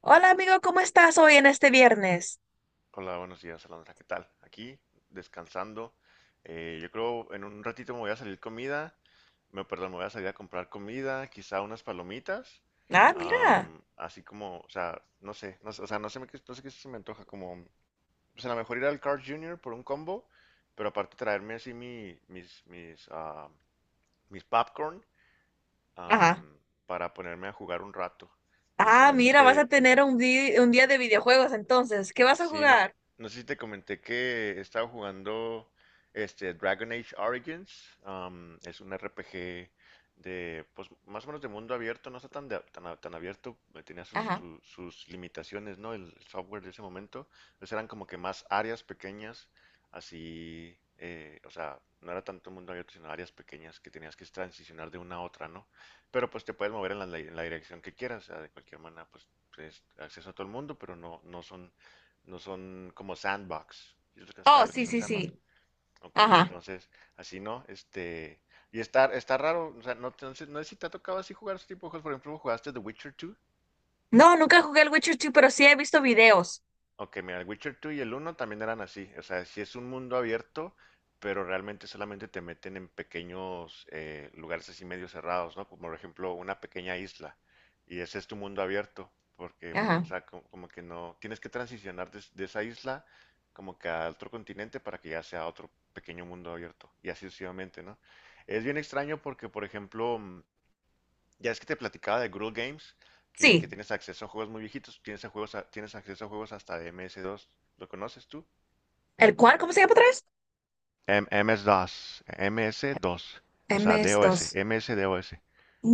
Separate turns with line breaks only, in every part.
Hola amigo, ¿cómo estás hoy en este viernes?
Hola, buenos días, Alondra. ¿Qué tal? Aquí, descansando. Yo creo en un ratito me voy a salir comida. Me, perdón, me voy a salir a comprar comida, quizá unas palomitas.
Ah, mira.
Así como, o sea, no sé qué se me antoja. Como, pues a lo mejor ir al Carl Junior por un combo, pero aparte traerme así mi, mis, mis, ah, mis popcorn
Ajá.
am, para ponerme a jugar un rato. Este,
Ah,
no sé si
mira, vas a
te,
tener un día de videojuegos entonces. ¿Qué vas a
Sí, no,
jugar?
no sé si te comenté que he estado jugando este Dragon Age Origins. Es un RPG de, pues, más o menos de mundo abierto, no está tan, de- tan, a- tan abierto, tenía sus,
Ajá.
tru- sus limitaciones, ¿no? El software de ese momento. Entonces eran como que más áreas pequeñas, así, o sea, no era tanto mundo abierto, sino áreas pequeñas que tenías que transicionar de una a otra, ¿no? Pero pues te puedes mover en la dirección que quieras, o sea, de cualquier manera, pues acceso a todo el mundo, pero no son como sandbox. ¿Sí
Oh,
¿Sabes lo que
sí,
son
sí,
sandbox?
sí.
Ok,
Ajá.
entonces, así no. Y está raro, o sea, no, entonces, no sé si te ha tocado así jugar ese tipo de juegos. Por ejemplo, ¿jugaste The Witcher 2?
No, nunca jugué el Witcher 2, pero sí he visto videos.
Ok, mira, el Witcher 2 y el uno también eran así. O sea, sí es un mundo abierto, pero realmente solamente te meten en pequeños lugares así medio cerrados, ¿no? Como por ejemplo una pequeña isla. Y ese es tu mundo abierto, porque, bueno, o
Ajá.
sea, que no, tienes que transicionar de esa isla como que a otro continente para que ya sea otro pequeño mundo abierto. Y así sucesivamente, ¿no? Es bien extraño porque, por ejemplo, ya es que te platicaba de Google Games, que
Sí.
tienes acceso a juegos muy viejitos, tienes acceso a juegos hasta de MS2. ¿Lo conoces tú?
¿El cuál? ¿Cómo se llama otra vez?
MS2, o
M
sea,
S
DOS,
dos.
MS-DOS,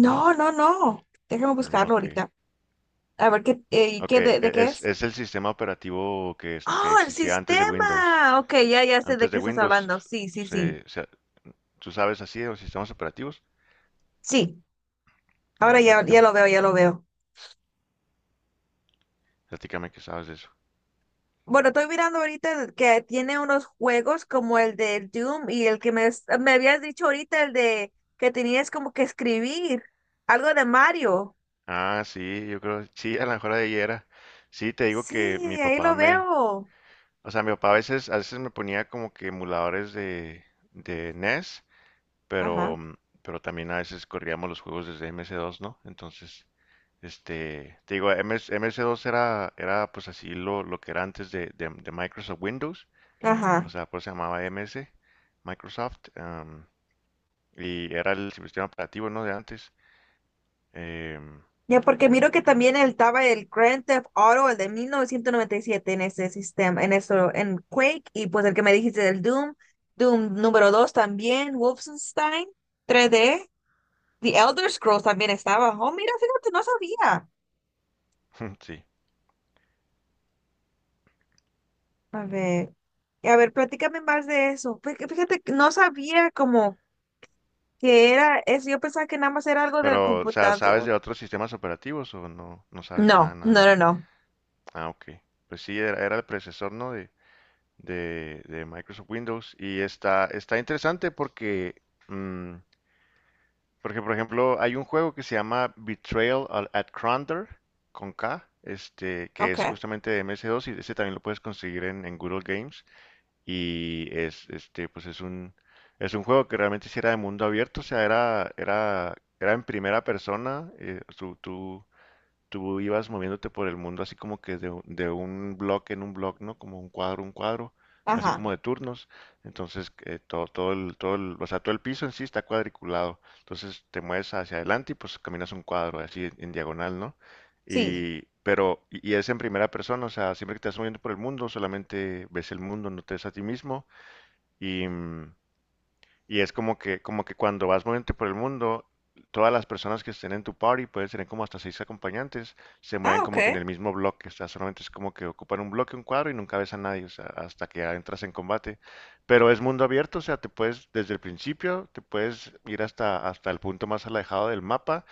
¿no?
No, no, no. Déjame
Mm,
buscarlo
ok,
ahorita. A ver qué,
ok,
¿qué
e-
de qué
es,
es?
es el sistema operativo que
Oh, el
existía antes de Windows.
sistema. Ok, ya, ya sé de
Antes
qué
de
estás
Windows,
hablando. Sí, sí, sí.
se, se- ¿tú sabes así de los sistemas operativos?
Sí.
A
Ahora
ver,
ya, ya
platícame,
lo veo, ya lo veo.
platícame que sabes de eso.
Bueno, estoy mirando ahorita que tiene unos juegos como el del Doom y el que me habías dicho ahorita, el de que tenías como que escribir algo de Mario.
Ah, sí, yo creo, sí, a lo mejor ahí era. Sí, te digo que
Sí, ahí lo veo.
o sea, mi papá a veces me ponía como que emuladores de NES, pero,
Ajá,
mm, pero también a veces corríamos los juegos desde MS2, ¿no? Entonces, este, te digo, MS2 era pues así lo que era antes de Microsoft Windows, o
ajá.
sea, pues se llamaba MS, Microsoft, y era el sistema operativo, ¿no? De antes. Em,
Ya porque miro que también estaba el Grand Theft Auto, el de 1997 en ese sistema, en eso, en Quake, y pues el que me dijiste del Doom, Doom número dos también, Wolfenstein 3D, The Elder Scrolls también estaba. Oh, mira, fíjate, no sabía.
sí.
A ver, a ver, platícame más de eso. Fíjate que no sabía como que era eso. Yo pensaba que nada más era algo del
Pero, o sea, ¿sabes
computador.
de otros sistemas operativos o no sabes nada,
No,
nada,
no,
nada?
no, no.
Ah, ok. Pues sí, era el predecesor, ¿no? De Microsoft Windows y está interesante mm, porque, por ejemplo, hay un juego que se llama Betrayal at Cronder con K, este, que
Ok,
es justamente de MS2 y ese también lo puedes conseguir en Good Old Games. Y es, este, pues es un juego que realmente sí era de mundo abierto, o sea, era en primera persona, tú ibas moviéndote por el mundo así como que de un bloque en un bloque, ¿no? Como un cuadro, así
ajá,
como de turnos. Entonces, o sea, todo el piso en sí está cuadriculado. Entonces, te mueves hacia adelante y pues caminas un cuadro así en diagonal, ¿no?
sí.
Pero es en primera persona, o sea, siempre que te estás moviendo por el mundo, solamente ves el mundo, no te ves a ti mismo. Y, mm, y es como que cuando vas moviéndote por el mundo, todas las personas que estén en tu party pueden tener como hasta seis acompañantes, se
Ah,
mueven
ok,
como que en el mismo bloque, o sea, solamente es como que ocupan un bloque, un cuadro y nunca ves a nadie, o sea, hasta que ya entras en combate. Pero es mundo abierto, o sea, te puedes, desde el principio, te puedes ir hasta el punto más alejado del mapa,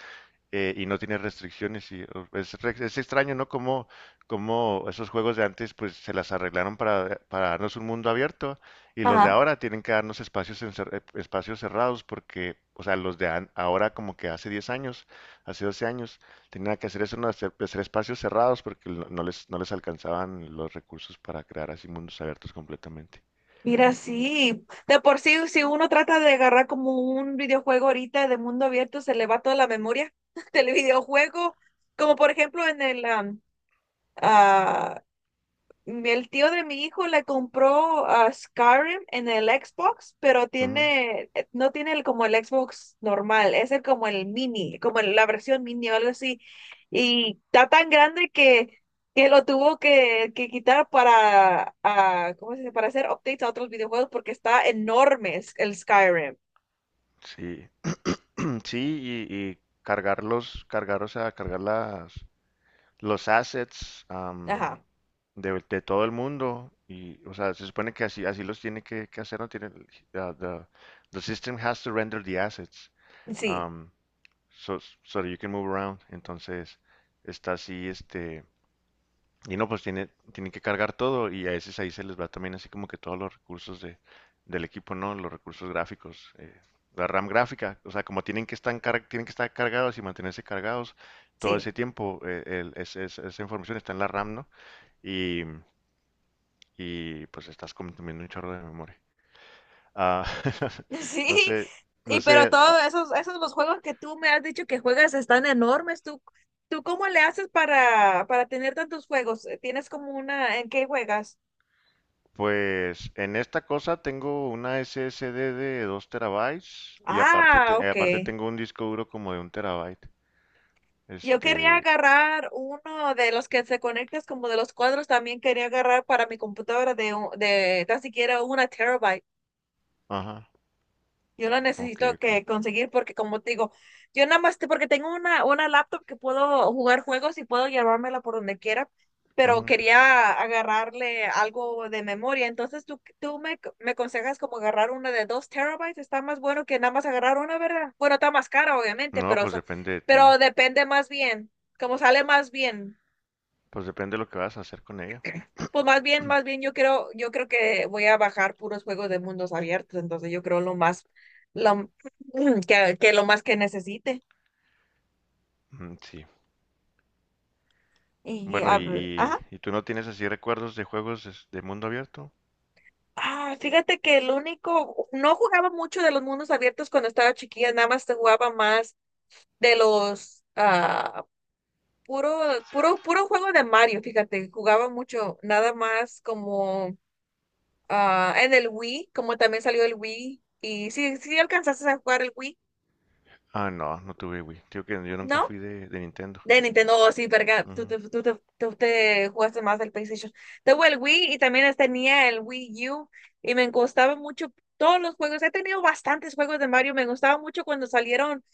y no tiene restricciones y es extraño, ¿no? Como esos juegos de antes pues se las arreglaron para darnos un mundo abierto y los de
ajá.
ahora tienen que darnos espacios, espacios cerrados porque, o sea, ahora como que hace 10 años, hace 12 años, tenían que hacer eso, ¿no? Hacer espacios cerrados porque no les alcanzaban los recursos para crear así mundos abiertos completamente.
Mira, sí, de por sí, si uno trata de agarrar como un videojuego ahorita de mundo abierto, se le va toda la memoria del videojuego. Como por ejemplo en ah, el tío de mi hijo le compró a Skyrim en el Xbox, pero
Ujú.
tiene, no tiene el, como el Xbox normal, es el como el mini, como la versión mini o algo así. Y está tan grande que lo tuvo que quitar para, ah, ¿cómo se dice? Para hacer updates a otros videojuegos porque está enorme el Skyrim.
Sí. Sí, y cargarlos, cargar, o sea, cargar los assets,
Ajá,
de todo el mundo y, o sea, se supone que así, así los tiene que hacer, no tiene, the system has to render the assets,
sí,
um, so, so that you can move around. Entonces, está así, este, y no, pues tiene, tienen que cargar todo y a veces ahí se les va también así como que todos los recursos del equipo, ¿no? Los recursos gráficos, la RAM gráfica, o sea, como tienen que estar cargados y mantenerse cargados todo
sí.
ese tiempo, esa información está en la RAM, ¿no? Y, pues estás consumiendo un chorro de memoria. Ah, no
Sí,
sé, no
y pero
sé,
todos esos, esos los juegos que tú me has dicho que juegas están enormes. ¿Tú, tú cómo le haces para tener tantos juegos? ¿Tienes como una en qué juegas?
pues en esta cosa tengo una SSD de 2 terabytes y aparte,
Ah, ok.
aparte tengo un disco duro como de 1 terabyte.
Yo quería
Este,
agarrar uno de los que se conectas como de los cuadros, también quería agarrar para mi computadora de tan siquiera una terabyte.
ajá,
Yo lo
ok,
necesito
ok.
que conseguir porque como te digo, yo nada más porque tengo una laptop que puedo jugar juegos y puedo llevármela por donde quiera, pero
Ujú.
quería agarrarle algo de memoria. Entonces tú, me aconsejas como agarrar una de dos terabytes, está más bueno que nada más agarrar una, ¿verdad? Bueno, está más cara, obviamente,
No,
pero, o
pues
sea,
depende de ti,
pero depende más bien, como sale más bien.
pues depende de lo que vas a hacer con ella.
Pues más bien yo creo que voy a bajar puros juegos de mundos abiertos, entonces yo creo lo más, lo, que lo más que necesite.
Mm, sí.
Y,
Bueno,
ah, ah,
¿y tú no tienes así recuerdos de juegos de mundo abierto?
ah, fíjate que el único, no jugaba mucho de los mundos abiertos cuando estaba chiquilla, nada más te jugaba más de puro, puro, puro juego de Mario, fíjate, jugaba mucho, nada más como, ah, en el Wii, como también salió el Wii, y sí, sí alcanzaste a jugar el Wii,
Ah, no, no tuve Wii. Digo que yo nunca
¿no?
fui de Nintendo.
De Nintendo, oh, sí, verga,
Ujú.
tú te jugaste más del PlayStation. Tengo el Wii y también tenía el Wii U y me gustaban mucho todos los juegos. He tenido bastantes juegos de Mario, me gustaba mucho cuando salieron.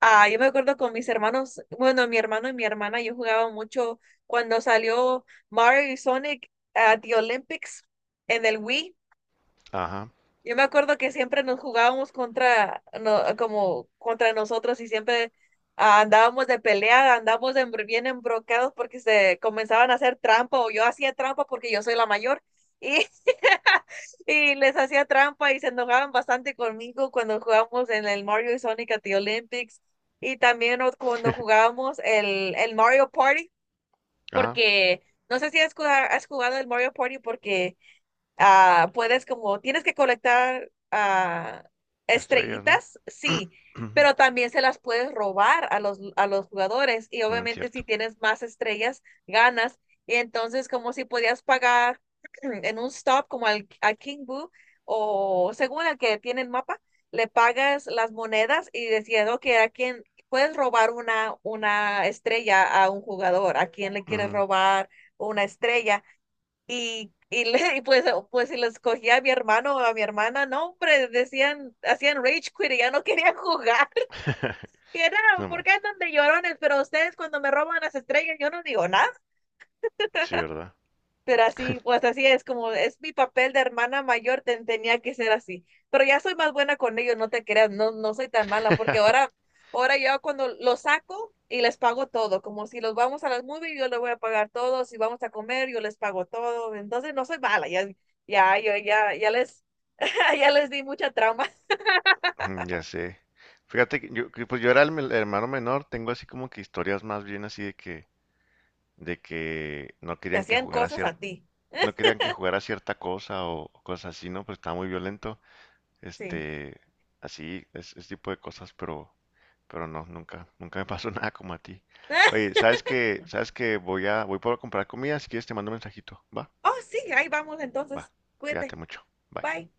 Ah, yo me acuerdo con mis hermanos, bueno, mi hermano y mi hermana, yo jugaba mucho cuando salió Mario y Sonic at the Olympics en el Wii.
Ajá,
Yo me acuerdo que siempre nos jugábamos contra, no, como contra nosotros y siempre ah, andábamos de pelea, andábamos bien embrocados porque se comenzaban a hacer trampa o yo hacía trampa porque yo soy la mayor y, y les hacía trampa y se enojaban bastante conmigo cuando jugábamos en el Mario y Sonic at the Olympics y también cuando jugábamos el Mario Party
ajá,
porque no sé si has jugado, has jugado el Mario Party porque ah, puedes como, tienes que colectar ah,
estrellas, ¿no?
estrellitas, sí,
Ujú.
pero también se las puedes robar a a los jugadores y
Mm,
obviamente
cierto.
si tienes más estrellas, ganas. Y entonces como si podías pagar en un stop como a King Boo o según el que tiene el mapa, le pagas las monedas y decías, ok, a quién puedes robar una estrella a un jugador, a quién le quieres
Ujú.
robar una estrella y, y pues, pues si les cogía a mi hermano o a mi hermana, no, hombre, decían, hacían rage quit y ya no querían jugar. Y era,
No
¿por qué
más.
andan de llorones? Pero ustedes cuando me roban las estrellas, yo no digo nada.
Sí, ¿verdad?
Pero así, pues así es, como es mi papel de hermana mayor, tenía que ser así. Pero ya soy más buena con ellos, no te creas, no, no soy tan mala, porque ahora, ahora yo cuando los saco y les pago todo, como si los vamos a las movies, yo les voy a pagar todo, si vamos a comer, yo les pago todo. Entonces no soy mala, ya les, ya les di mucha trauma.
Mm, ya sé. Fíjate que pues yo era el hermano menor, tengo así como que historias más bien así de que no
Te
querían que
hacían
jugara
cosas a
cierta,
ti.
no querían que jugara cierta cosa o cosas así, ¿no? Pues estaba muy violento,
Sí.
este, así, ese tipo de cosas, pero no, nunca me pasó nada como a ti. Oye, ¿Sabes que voy por comprar comida, si quieres te mando un mensajito, ¿va?
Oh, sí, ahí vamos
Va,
entonces.
cuídate
Cuídate.
mucho, bye.
Bye.